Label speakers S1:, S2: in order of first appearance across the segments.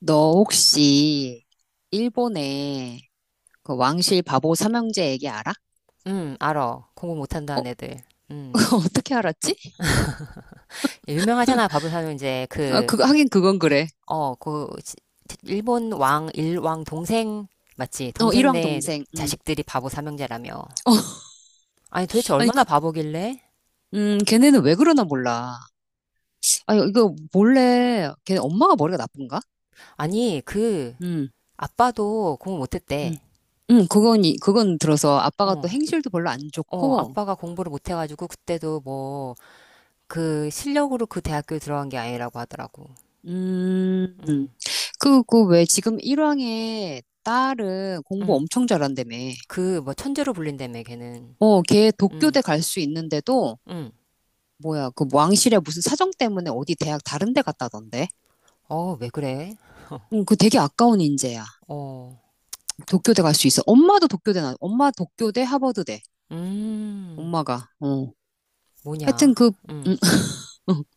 S1: 너 혹시 일본의 그 왕실 바보 삼형제 얘기 알아?
S2: 알어. 공부 못한다
S1: 어,
S2: 한 애들. 음.
S1: 어떻게 알았지?
S2: 유명하잖아. 바보사는 이제
S1: 아,
S2: 그,
S1: 그거 하긴 그건 그래.
S2: 그, 일왕 동생, 맞지?
S1: 어, 일왕
S2: 동생네
S1: 동생. 음.
S2: 자식들이 바보 삼형제라며.
S1: 어,
S2: 아니, 도대체
S1: 아니
S2: 얼마나 바보길래?
S1: 걔네는 왜 그러나 몰라. 아, 이거 몰래 걔네 엄마가 머리가 나쁜가?
S2: 아니, 그,
S1: 음.
S2: 아빠도 공부
S1: 음.
S2: 못했대.
S1: 그건 들어서 아빠가 또
S2: 어,
S1: 행실도 별로 안
S2: 어,
S1: 좋고.
S2: 아빠가 공부를 못해가지고, 그때도 뭐, 그, 실력으로 그 대학교에 들어간 게 아니라고 하더라고.
S1: 음.
S2: 음,
S1: 그그 왜 지금 일왕의 딸은 공부
S2: 음.
S1: 엄청 잘한다며.
S2: 그, 뭐, 천재로 불린다며, 걔는.
S1: 어, 걔
S2: 음,
S1: 도쿄대 갈 수 있는데도
S2: 음.
S1: 뭐야, 그 왕실에 무슨 사정 때문에 어디 대학 다른 데 갔다던데?
S2: 어, 왜 그래?
S1: 응, 그 되게 아까운 인재야.
S2: 어.
S1: 도쿄대 갈 수 있어. 엄마 도쿄대 하버드대.
S2: 음,
S1: 엄마가, 어. 하여튼
S2: 뭐냐?
S1: 음,
S2: 음,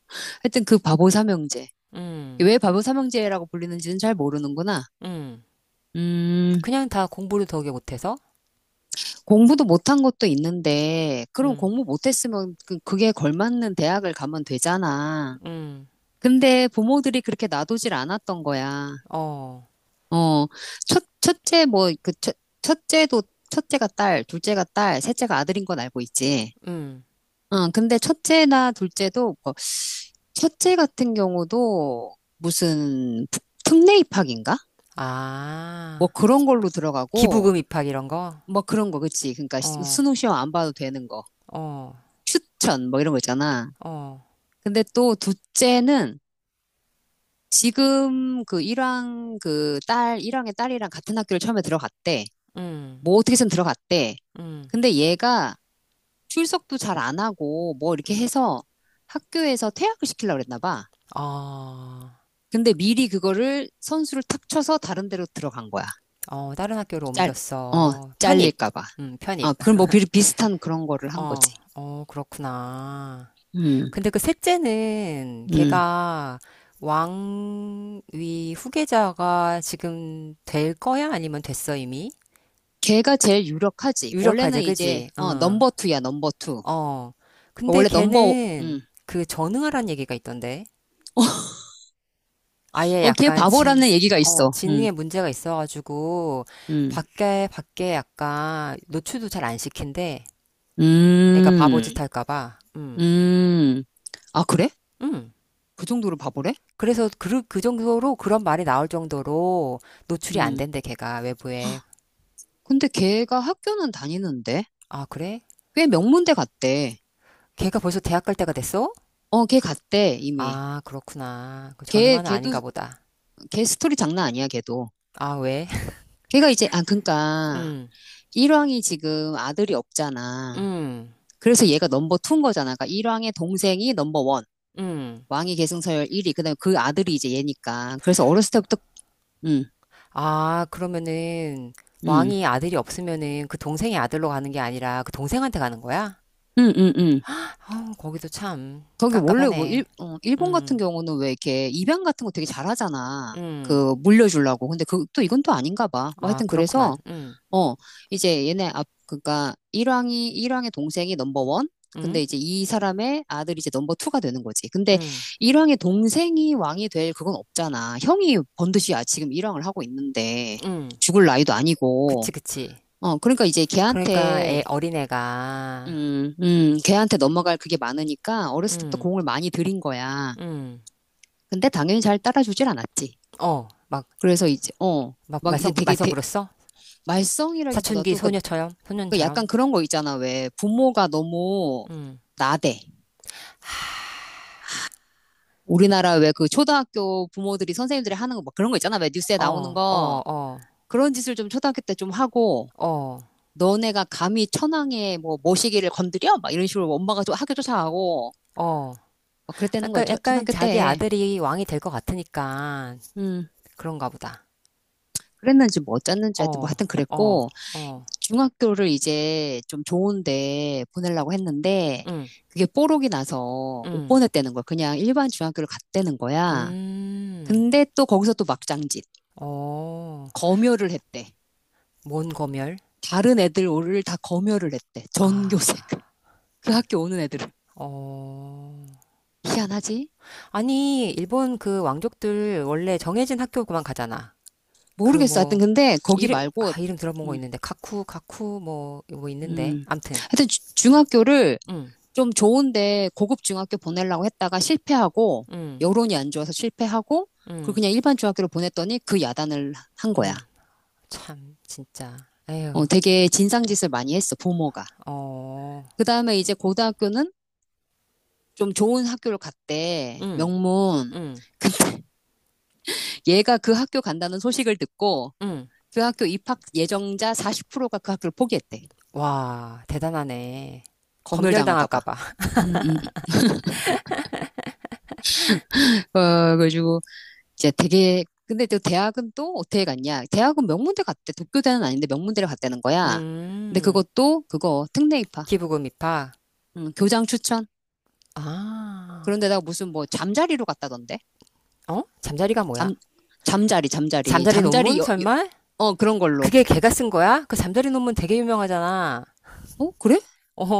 S1: 하여튼 그 바보 삼형제.
S2: 음,
S1: 왜 바보 삼형제라고 불리는지는 잘 모르는구나.
S2: 음.
S1: 음,
S2: 그냥 다 공부를 더게 못해서?
S1: 공부도 못한 것도 있는데, 그럼
S2: 음,
S1: 공부 못했으면 그게 걸맞는 대학을 가면 되잖아.
S2: 음,
S1: 근데 부모들이 그렇게 놔두질 않았던 거야.
S2: 어,
S1: 어, 첫, 첫째, 뭐, 그, 첫, 첫째도, 첫째가 딸, 둘째가 딸, 셋째가 아들인 건 알고 있지.
S2: 음.
S1: 응, 근데 첫째나 둘째도, 첫째 같은 경우도 무슨 특례 입학인가? 뭐
S2: 아,
S1: 그런 걸로 들어가고,
S2: 기부금 입학 이런 거?
S1: 뭐 그런 거, 그치. 그러니까
S2: 어,
S1: 수능 시험 안 봐도 되는 거.
S2: 어,
S1: 추천, 뭐 이런 거 있잖아.
S2: 어,
S1: 근데 또 둘째는 지금 일왕의 딸이랑 같은 학교를 처음에 들어갔대.
S2: 음,
S1: 뭐 어떻게 해서 들어갔대.
S2: 음.
S1: 근데 얘가 출석도 잘 안 하고 뭐 이렇게 해서 학교에서 퇴학을 시키려고 그랬나 봐.
S2: 어,
S1: 근데 미리 그거를 선수를 탁 쳐서 다른 데로 들어간 거야.
S2: 어, 다른 학교로
S1: 짤, 어,
S2: 옮겼어. 편입.
S1: 잘릴까 봐.
S2: 편입.
S1: 아, 그럼 뭐 비슷한 그런 거를 한 거지.
S2: 어, 어, 그렇구나.
S1: 음.
S2: 근데 그 셋째는
S1: 음.
S2: 걔가 왕위 후계자가 지금 될 거야? 아니면 됐어, 이미?
S1: 걔가 제일 유력하지.
S2: 유력하지,
S1: 원래는
S2: 그지? 어.
S1: 넘버 투야, 넘버 투.
S2: 어. 근데
S1: 원래 넘버,
S2: 걔는
S1: 음.
S2: 그 전응하란 얘기가 있던데. 아예
S1: 어, 걔
S2: 약간
S1: 바보라는 얘기가 있어. 음.
S2: 지능에 문제가 있어가지고
S1: 음.
S2: 밖에 약간 노출도 잘 안 시킨대. 애가
S1: 음.
S2: 바보짓 할까 봐. 음.
S1: 음. 아, 그래?
S2: 음.
S1: 그 정도로 바보래?
S2: 그래서 그 정도로 그런 말이 나올 정도로 노출이 안
S1: 음.
S2: 된대, 걔가 외부에.
S1: 근데 걔가 학교는 다니는데?
S2: 아, 그래?
S1: 꽤 명문대 갔대.
S2: 걔가 벌써 대학 갈 때가 됐어?
S1: 어, 걔 갔대, 이미.
S2: 아, 그렇구나. 그
S1: 걔,
S2: 전응아는
S1: 걔도,
S2: 아닌가 보다.
S1: 걔 스토리 장난 아니야, 걔도.
S2: 아, 왜?
S1: 걔가 이제,
S2: 음,
S1: 일왕이 지금 아들이 없잖아.
S2: 음,
S1: 그래서 얘가 넘버 투인 거잖아. 그러니까 일왕의 동생이 넘버 원,
S2: 음.
S1: 왕위 계승서열 1위, 그 다음에 그 아들이 이제 얘니까. 그래서 어렸을 때부터, 응,
S2: 아, 그러면은
S1: 응,
S2: 왕이 아들이 없으면은 그 동생의 아들로 가는 게 아니라 그 동생한테 가는 거야?
S1: 응, 응, 응.
S2: 아, 거기도 참
S1: 거기 원래
S2: 깝깝하네.
S1: 일본 같은
S2: 음,
S1: 경우는 왜 이렇게 입양 같은 거 되게 잘하잖아.
S2: 음.
S1: 물려주려고. 근데 또 이건 또 아닌가 봐. 뭐
S2: 아,
S1: 하여튼
S2: 그렇구만.
S1: 그래서, 어, 그러니까 일왕의 동생이 넘버원?
S2: 음,
S1: 근데 이제 이 사람의 아들이 이제 넘버투가 되는 거지. 근데
S2: 음,
S1: 일왕의 동생이 왕이 될 그건 없잖아. 형이 번듯이 지금 일왕을 하고 있는데
S2: 음.
S1: 죽을 나이도 아니고.
S2: 그치, 그치.
S1: 어, 그러니까 이제
S2: 그러니까
S1: 걔한테,
S2: 애 어린애가,
S1: 음, 음, 걔한테 넘어갈 그게 많으니까 어렸을 때부터
S2: 음,
S1: 공을 많이 들인 거야.
S2: 음.
S1: 근데 당연히 잘 따라주질 않았지.
S2: 어, 막
S1: 그래서
S2: 막
S1: 막 이제
S2: 말썽
S1: 되게
S2: 말썽 부렸어? 사춘기
S1: 말썽이라기보다도 그
S2: 소녀처럼
S1: 그 약간
S2: 소년처럼.
S1: 그런 거 있잖아. 왜 부모가 너무
S2: 음.
S1: 나대. 우리나라 왜 그 초등학교 부모들이 선생님들이 하는 거 막 그런 거 있잖아. 왜 뉴스에 나오는
S2: 어, 어,
S1: 거.
S2: 어.
S1: 그런 짓을 좀 초등학교 때 좀 하고
S2: 어.
S1: 너네가 감히 천황의 뭐 모시기를 건드려? 막 이런 식으로 엄마가 좀 학교 쫓아가고
S2: 어.
S1: 막 그랬다는 거야.
S2: 그러니까
S1: 초,
S2: 약간
S1: 초등학교
S2: 자기
S1: 때.
S2: 아들이 왕이 될 것 같으니까
S1: 음.
S2: 그런가 보다.
S1: 그랬는지 뭐 어쨌는지 하여튼 뭐
S2: 어.
S1: 하여튼
S2: 어.
S1: 그랬고
S2: 어.
S1: 중학교를 이제 좀 좋은데 보내려고 했는데
S2: 음.
S1: 그게 뽀록이 나서 못
S2: 음.
S1: 보냈다는 거야. 그냥 일반 중학교를 갔다는 거야.
S2: 음.
S1: 근데 또 거기서 또 막장짓.
S2: 어.
S1: 검열을 했대.
S2: 뭔 검열?
S1: 다른 애들 오를 다 검열을 했대. 전교생.
S2: 아.
S1: 그 학교 오는 애들을.
S2: 어.
S1: 희한하지?
S2: 아니, 일본 그 왕족들 원래 정해진 학교만 가잖아. 그
S1: 모르겠어. 하여튼
S2: 뭐
S1: 근데 거기 말고.
S2: 이름 들어본 거
S1: 음,
S2: 있는데 가쿠 뭐 있는데
S1: 음.
S2: 암튼.
S1: 하여튼 중학교를
S2: 음,
S1: 좀 좋은데 고급 중학교 보내려고 했다가 실패하고,
S2: 음,
S1: 여론이 안 좋아서 실패하고, 그리고
S2: 음,
S1: 그냥 일반 중학교로 보냈더니 그 야단을 한 거야.
S2: 음, 참 진짜, 에휴.
S1: 어, 되게 진상짓을 많이 했어, 부모가. 그 다음에 이제 고등학교는 좀 좋은 학교를 갔대.
S2: 어음음음와.
S1: 명문. 얘가 그 학교 간다는 소식을 듣고 그 학교 입학 예정자 40%가 그 학교를 포기했대.
S2: 대단하네.
S1: 검열당할까
S2: 검열당할까
S1: 봐.
S2: 봐.
S1: 음. 음. 어, 그래가지고 이제 되게 근데 또 대학은 또 어떻게 갔냐? 대학은 명문대 갔대. 도쿄대는 아닌데 명문대를 갔다는 거야. 근데
S2: 음.
S1: 그것도 그거 특례 입학.
S2: 기부금 입학.
S1: 교장 추천.
S2: 아,
S1: 그런데다가 무슨 뭐 잠자리로 갔다던데.
S2: 어? 잠자리가 뭐야?
S1: 잠 잠자리 잠자리
S2: 잠자리
S1: 잠자리
S2: 논문 설마?
S1: 어 그런 걸로.
S2: 그게 걔가 쓴 거야? 그 잠자리 논문 되게 유명하잖아.
S1: 어 그래?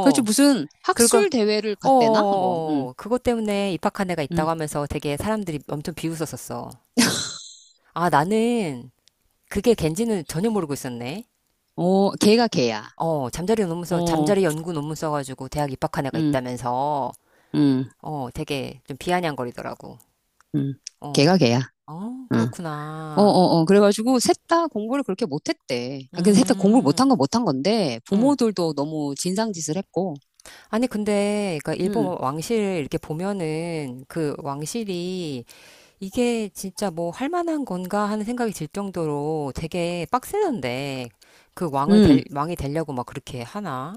S1: 그래서 무슨
S2: 그리고
S1: 학술 대회를 갔대나 뭐. 응.
S2: 그것 때문에 입학한 애가 있다고
S1: 응.
S2: 하면서 되게 사람들이 엄청 비웃었었어. 아, 나는 그게 걘지는 전혀 모르고 있었네.
S1: 어 걔가 걔야.
S2: 어,
S1: 어.
S2: 잠자리 연구 논문 써가지고 대학 입학한 애가
S1: 응,
S2: 있다면서,
S1: 응,
S2: 어, 되게 좀 비아냥거리더라고.
S1: 응.
S2: 어,
S1: 걔가 걔야.
S2: 어,
S1: 응. 어,
S2: 그렇구나.
S1: 어, 어. 그래가지고 셋다 공부를 그렇게 못했대. 아, 근데 셋 다 공부를
S2: 음,
S1: 못한 건 못한 건데
S2: 음.
S1: 부모들도 너무 진상짓을 했고.
S2: 아니, 근데, 그니까
S1: 응,
S2: 일본 왕실 이렇게 보면은 그 왕실이 이게 진짜 뭐 할 만한 건가 하는 생각이 들 정도로 되게 빡세던데,
S1: 응.
S2: 왕이 되려고 막 그렇게 하나?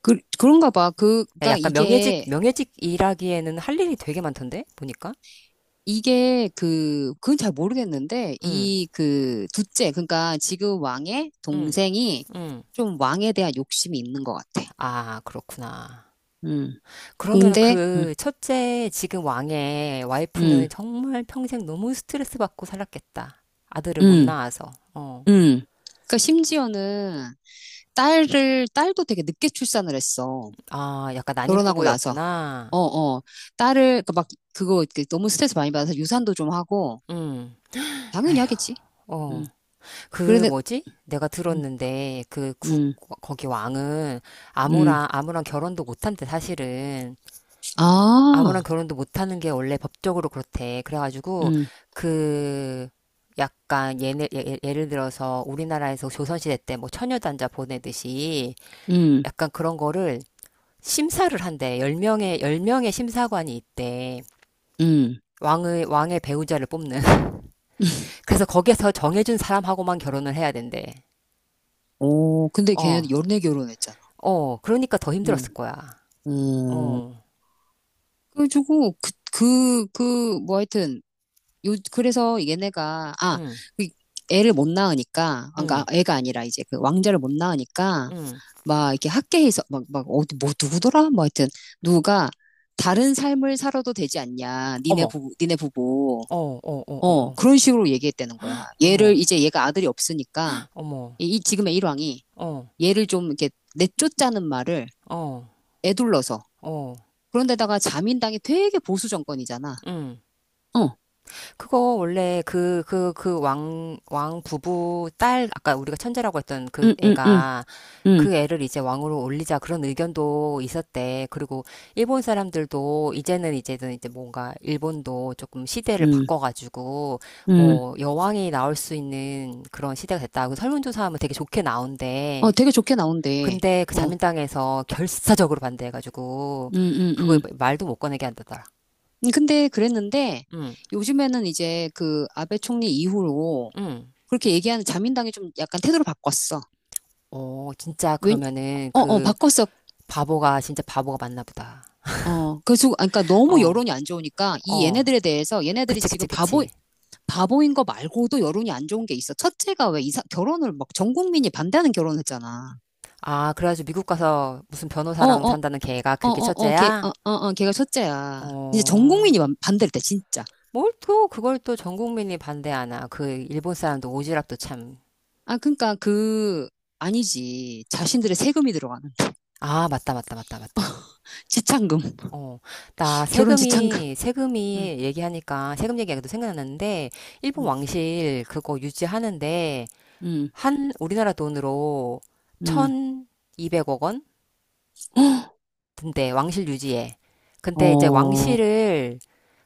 S1: 그런가 봐. 그니
S2: 야,
S1: 까
S2: 약간 명예직
S1: 이게
S2: 명예직 일하기에는 할 일이 되게 많던데 보니까.
S1: 이게 그건 잘 모르겠는데
S2: 응,
S1: 이 그 둘째 그러니까 지금 왕의
S2: 응,
S1: 동생이
S2: 응.
S1: 좀 왕에 대한 욕심이 있는 것 같아.
S2: 아, 그렇구나.
S1: 응.
S2: 그러면
S1: 근데 응,
S2: 그 첫째 지금 왕의 와이프는
S1: 응,
S2: 정말 평생 너무 스트레스 받고 살았겠다. 아들을 못
S1: 응,
S2: 낳아서. 어.
S1: 응. 그러니까 심지어는 딸도 되게 늦게 출산을 했어.
S2: 아, 약간 난임
S1: 결혼하고 나서. 어,
S2: 부부였구나.
S1: 어. 딸을, 그 막, 그거 이렇게 너무 스트레스 많이 받아서 유산도 좀 하고,
S2: 응.
S1: 당연히
S2: 아휴.
S1: 하겠지.
S2: 어.
S1: 음.
S2: 그
S1: 그런데,
S2: 뭐지? 내가
S1: 음,
S2: 들었는데
S1: 음,
S2: 거기 왕은
S1: 음.
S2: 아무랑 아무랑 결혼도 못한대 사실은.
S1: 아,
S2: 아무랑 결혼도 못하는 게 원래 법적으로 그렇대. 그래가지고
S1: 음,
S2: 그 약간 예를 들어서 우리나라에서 조선시대 때 뭐 처녀단자 보내듯이
S1: 음,
S2: 약간 그런 거를 심사를 한대. 10명의 열 명의 심사관이 있대.
S1: 음.
S2: 왕의 배우자를 뽑는. 그래서 거기에서 정해준 사람하고만 결혼을 해야 된대.
S1: 오, 근데
S2: 어.
S1: 걔네 연애 결혼했잖아.
S2: 어, 그러니까 더 힘들었을
S1: 응,
S2: 거야.
S1: 음.
S2: 어,
S1: 그래가지고, 뭐 하여튼, 그래서 얘네가,
S2: 응,
S1: 그 애를 못 낳으니까,
S2: 응,
S1: 그까 애가 아니라 이제 그 왕자를 못 낳으니까,
S2: 응.
S1: 막 이렇게 학계에서, 어디, 뭐, 누구더라? 뭐 하여튼, 누가 다른 삶을 살아도 되지 않냐. 니네
S2: 어머,
S1: 부부, 니네 부부.
S2: 어, 어, 어, 어,
S1: 어,
S2: 어,
S1: 그런 식으로 얘기했다는 거야.
S2: 어머,
S1: 이제 얘가 아들이 없으니까,
S2: 어머,
S1: 이 지금의 일왕이
S2: 어,
S1: 얘를 좀 이렇게 내쫓자는 말을
S2: 어,
S1: 애둘러서.
S2: 어,
S1: 그런데다가 자민당이 되게 보수 정권이잖아.
S2: 응.
S1: 어,
S2: 그거 원래 그 왕 부부 딸, 아까 우리가 천재라고 했던 그
S1: 응, 응, 응,
S2: 애가
S1: 응,
S2: 그 애를 이제 왕으로 올리자 그런 의견도 있었대. 그리고 일본 사람들도 이제 뭔가 일본도 조금 시대를
S1: 응,
S2: 바꿔가지고
S1: 응.
S2: 뭐 여왕이 나올 수 있는 그런 시대가 됐다. 그 설문조사하면 되게 좋게 나온대.
S1: 어, 되게 좋게 나온대.
S2: 근데 그
S1: 어,
S2: 자민당에서 결사적으로 반대해가지고
S1: 음,
S2: 그거
S1: 음.
S2: 말도 못 꺼내게 한다더라.
S1: 근데 그랬는데
S2: 응,
S1: 요즘에는 이제 그 아베 총리 이후로
S2: 응.
S1: 그렇게 얘기하는 자민당이 좀 약간 태도를 바꿨어.
S2: 어, 진짜
S1: 왜,
S2: 그러면은 그
S1: 바꿨어.
S2: 바보가 진짜 바보가 맞나 보다.
S1: 어, 그래서, 그러니까 너무
S2: 어,
S1: 여론이 안 좋으니까 이
S2: 어.
S1: 얘네들에 대해서 얘네들이
S2: 그치,
S1: 지금
S2: 그치,
S1: 바보,
S2: 그치.
S1: 바보인 거 말고도 여론이 안 좋은 게 있어. 첫째가 왜 결혼을 막 전 국민이 반대하는 결혼을 했잖아.
S2: 아, 그래가지고 미국 가서 무슨
S1: 어,
S2: 변호사랑
S1: 어,
S2: 산다는
S1: 어,
S2: 걔가 그게
S1: 어, 어,
S2: 첫째야?
S1: 걔가 첫째야. 이제 전
S2: 어,
S1: 국민이 반대를 때, 진짜.
S2: 뭘 또 그걸 또 전 국민이 반대하나. 그 일본 사람도 오지랖도 참.
S1: 아, 그러니까 그 아니지. 자신들의 세금이 들어가는
S2: 아, 맞다, 맞다, 맞다, 맞다.
S1: 지참금,
S2: 어, 나
S1: 결혼 지참금.
S2: 세금이,
S1: 음,
S2: 세금이 얘기하니까, 세금 얘기하기도 생각났는데, 일본
S1: 음,
S2: 왕실 그거 유지하는데,
S1: 음,
S2: 한, 우리나라 돈으로
S1: 음.
S2: 1200억 원? 근데 왕실 유지에. 근데 이제
S1: 어,
S2: 왕실을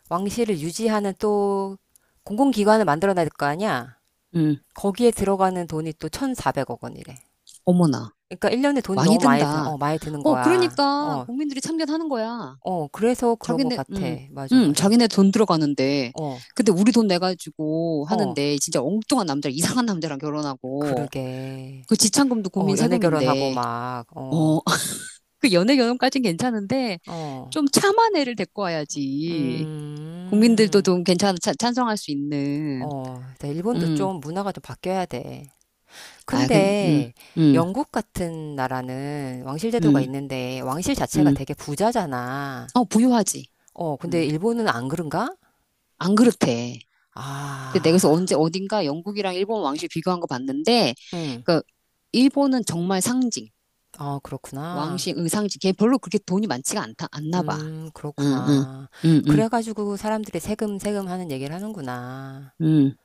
S2: 왕실을 유지하는 또 공공기관을 만들어놔야 될 거 아니야?
S1: 음,
S2: 거기에 들어가는 돈이 또 1,400억 원이래.
S1: 어머나,
S2: 그러니까 1년에 돈이
S1: 많이
S2: 너무
S1: 든다.
S2: 많이 드는
S1: 어,
S2: 거야.
S1: 그러니까
S2: 어,
S1: 국민들이 참견하는 거야.
S2: 어, 그래서 그런 거
S1: 자기네,
S2: 같아.
S1: 음,
S2: 맞아,
S1: 음,
S2: 맞아.
S1: 자기네 돈 들어가는데,
S2: 어,
S1: 근데 우리 돈 내가지고
S2: 어,
S1: 하는데 진짜 엉뚱한 남자, 이상한 남자랑 결혼하고
S2: 그러게.
S1: 그 지참금도
S2: 어,
S1: 국민
S2: 연애 결혼하고
S1: 세금인데,
S2: 막, 어,
S1: 어, 그 연애 결혼까진 괜찮은데
S2: 어,
S1: 좀 참한 애를 데리고 와야지. 국민들도
S2: 음,
S1: 좀 괜찮아, 찬성할 수 있는,
S2: 어, 일본도
S1: 음,
S2: 좀 문화가 좀 바뀌어야 돼.
S1: 아, 근, 음,
S2: 근데
S1: 음,
S2: 영국 같은 나라는 왕실 제도가
S1: 음,
S2: 있는데 왕실 자체가
S1: 음,
S2: 되게 부자잖아.
S1: 부유하지.
S2: 어, 근데
S1: 음,
S2: 일본은 안 그런가?
S1: 안 그렇대. 그때 내가 그래서
S2: 아,
S1: 언제, 어딘가 영국이랑 일본 왕실 비교한 거 봤는데,
S2: 음,
S1: 그, 일본은 정말 상징,
S2: 아, 그렇구나.
S1: 왕실, 상징. 걔 별로 그렇게 돈이 많지가 않나 봐. 응, 응,
S2: 그렇구나.
S1: 응, 응,
S2: 그래가지고 사람들이 세금, 세금 하는 얘기를 하는구나.
S1: 응.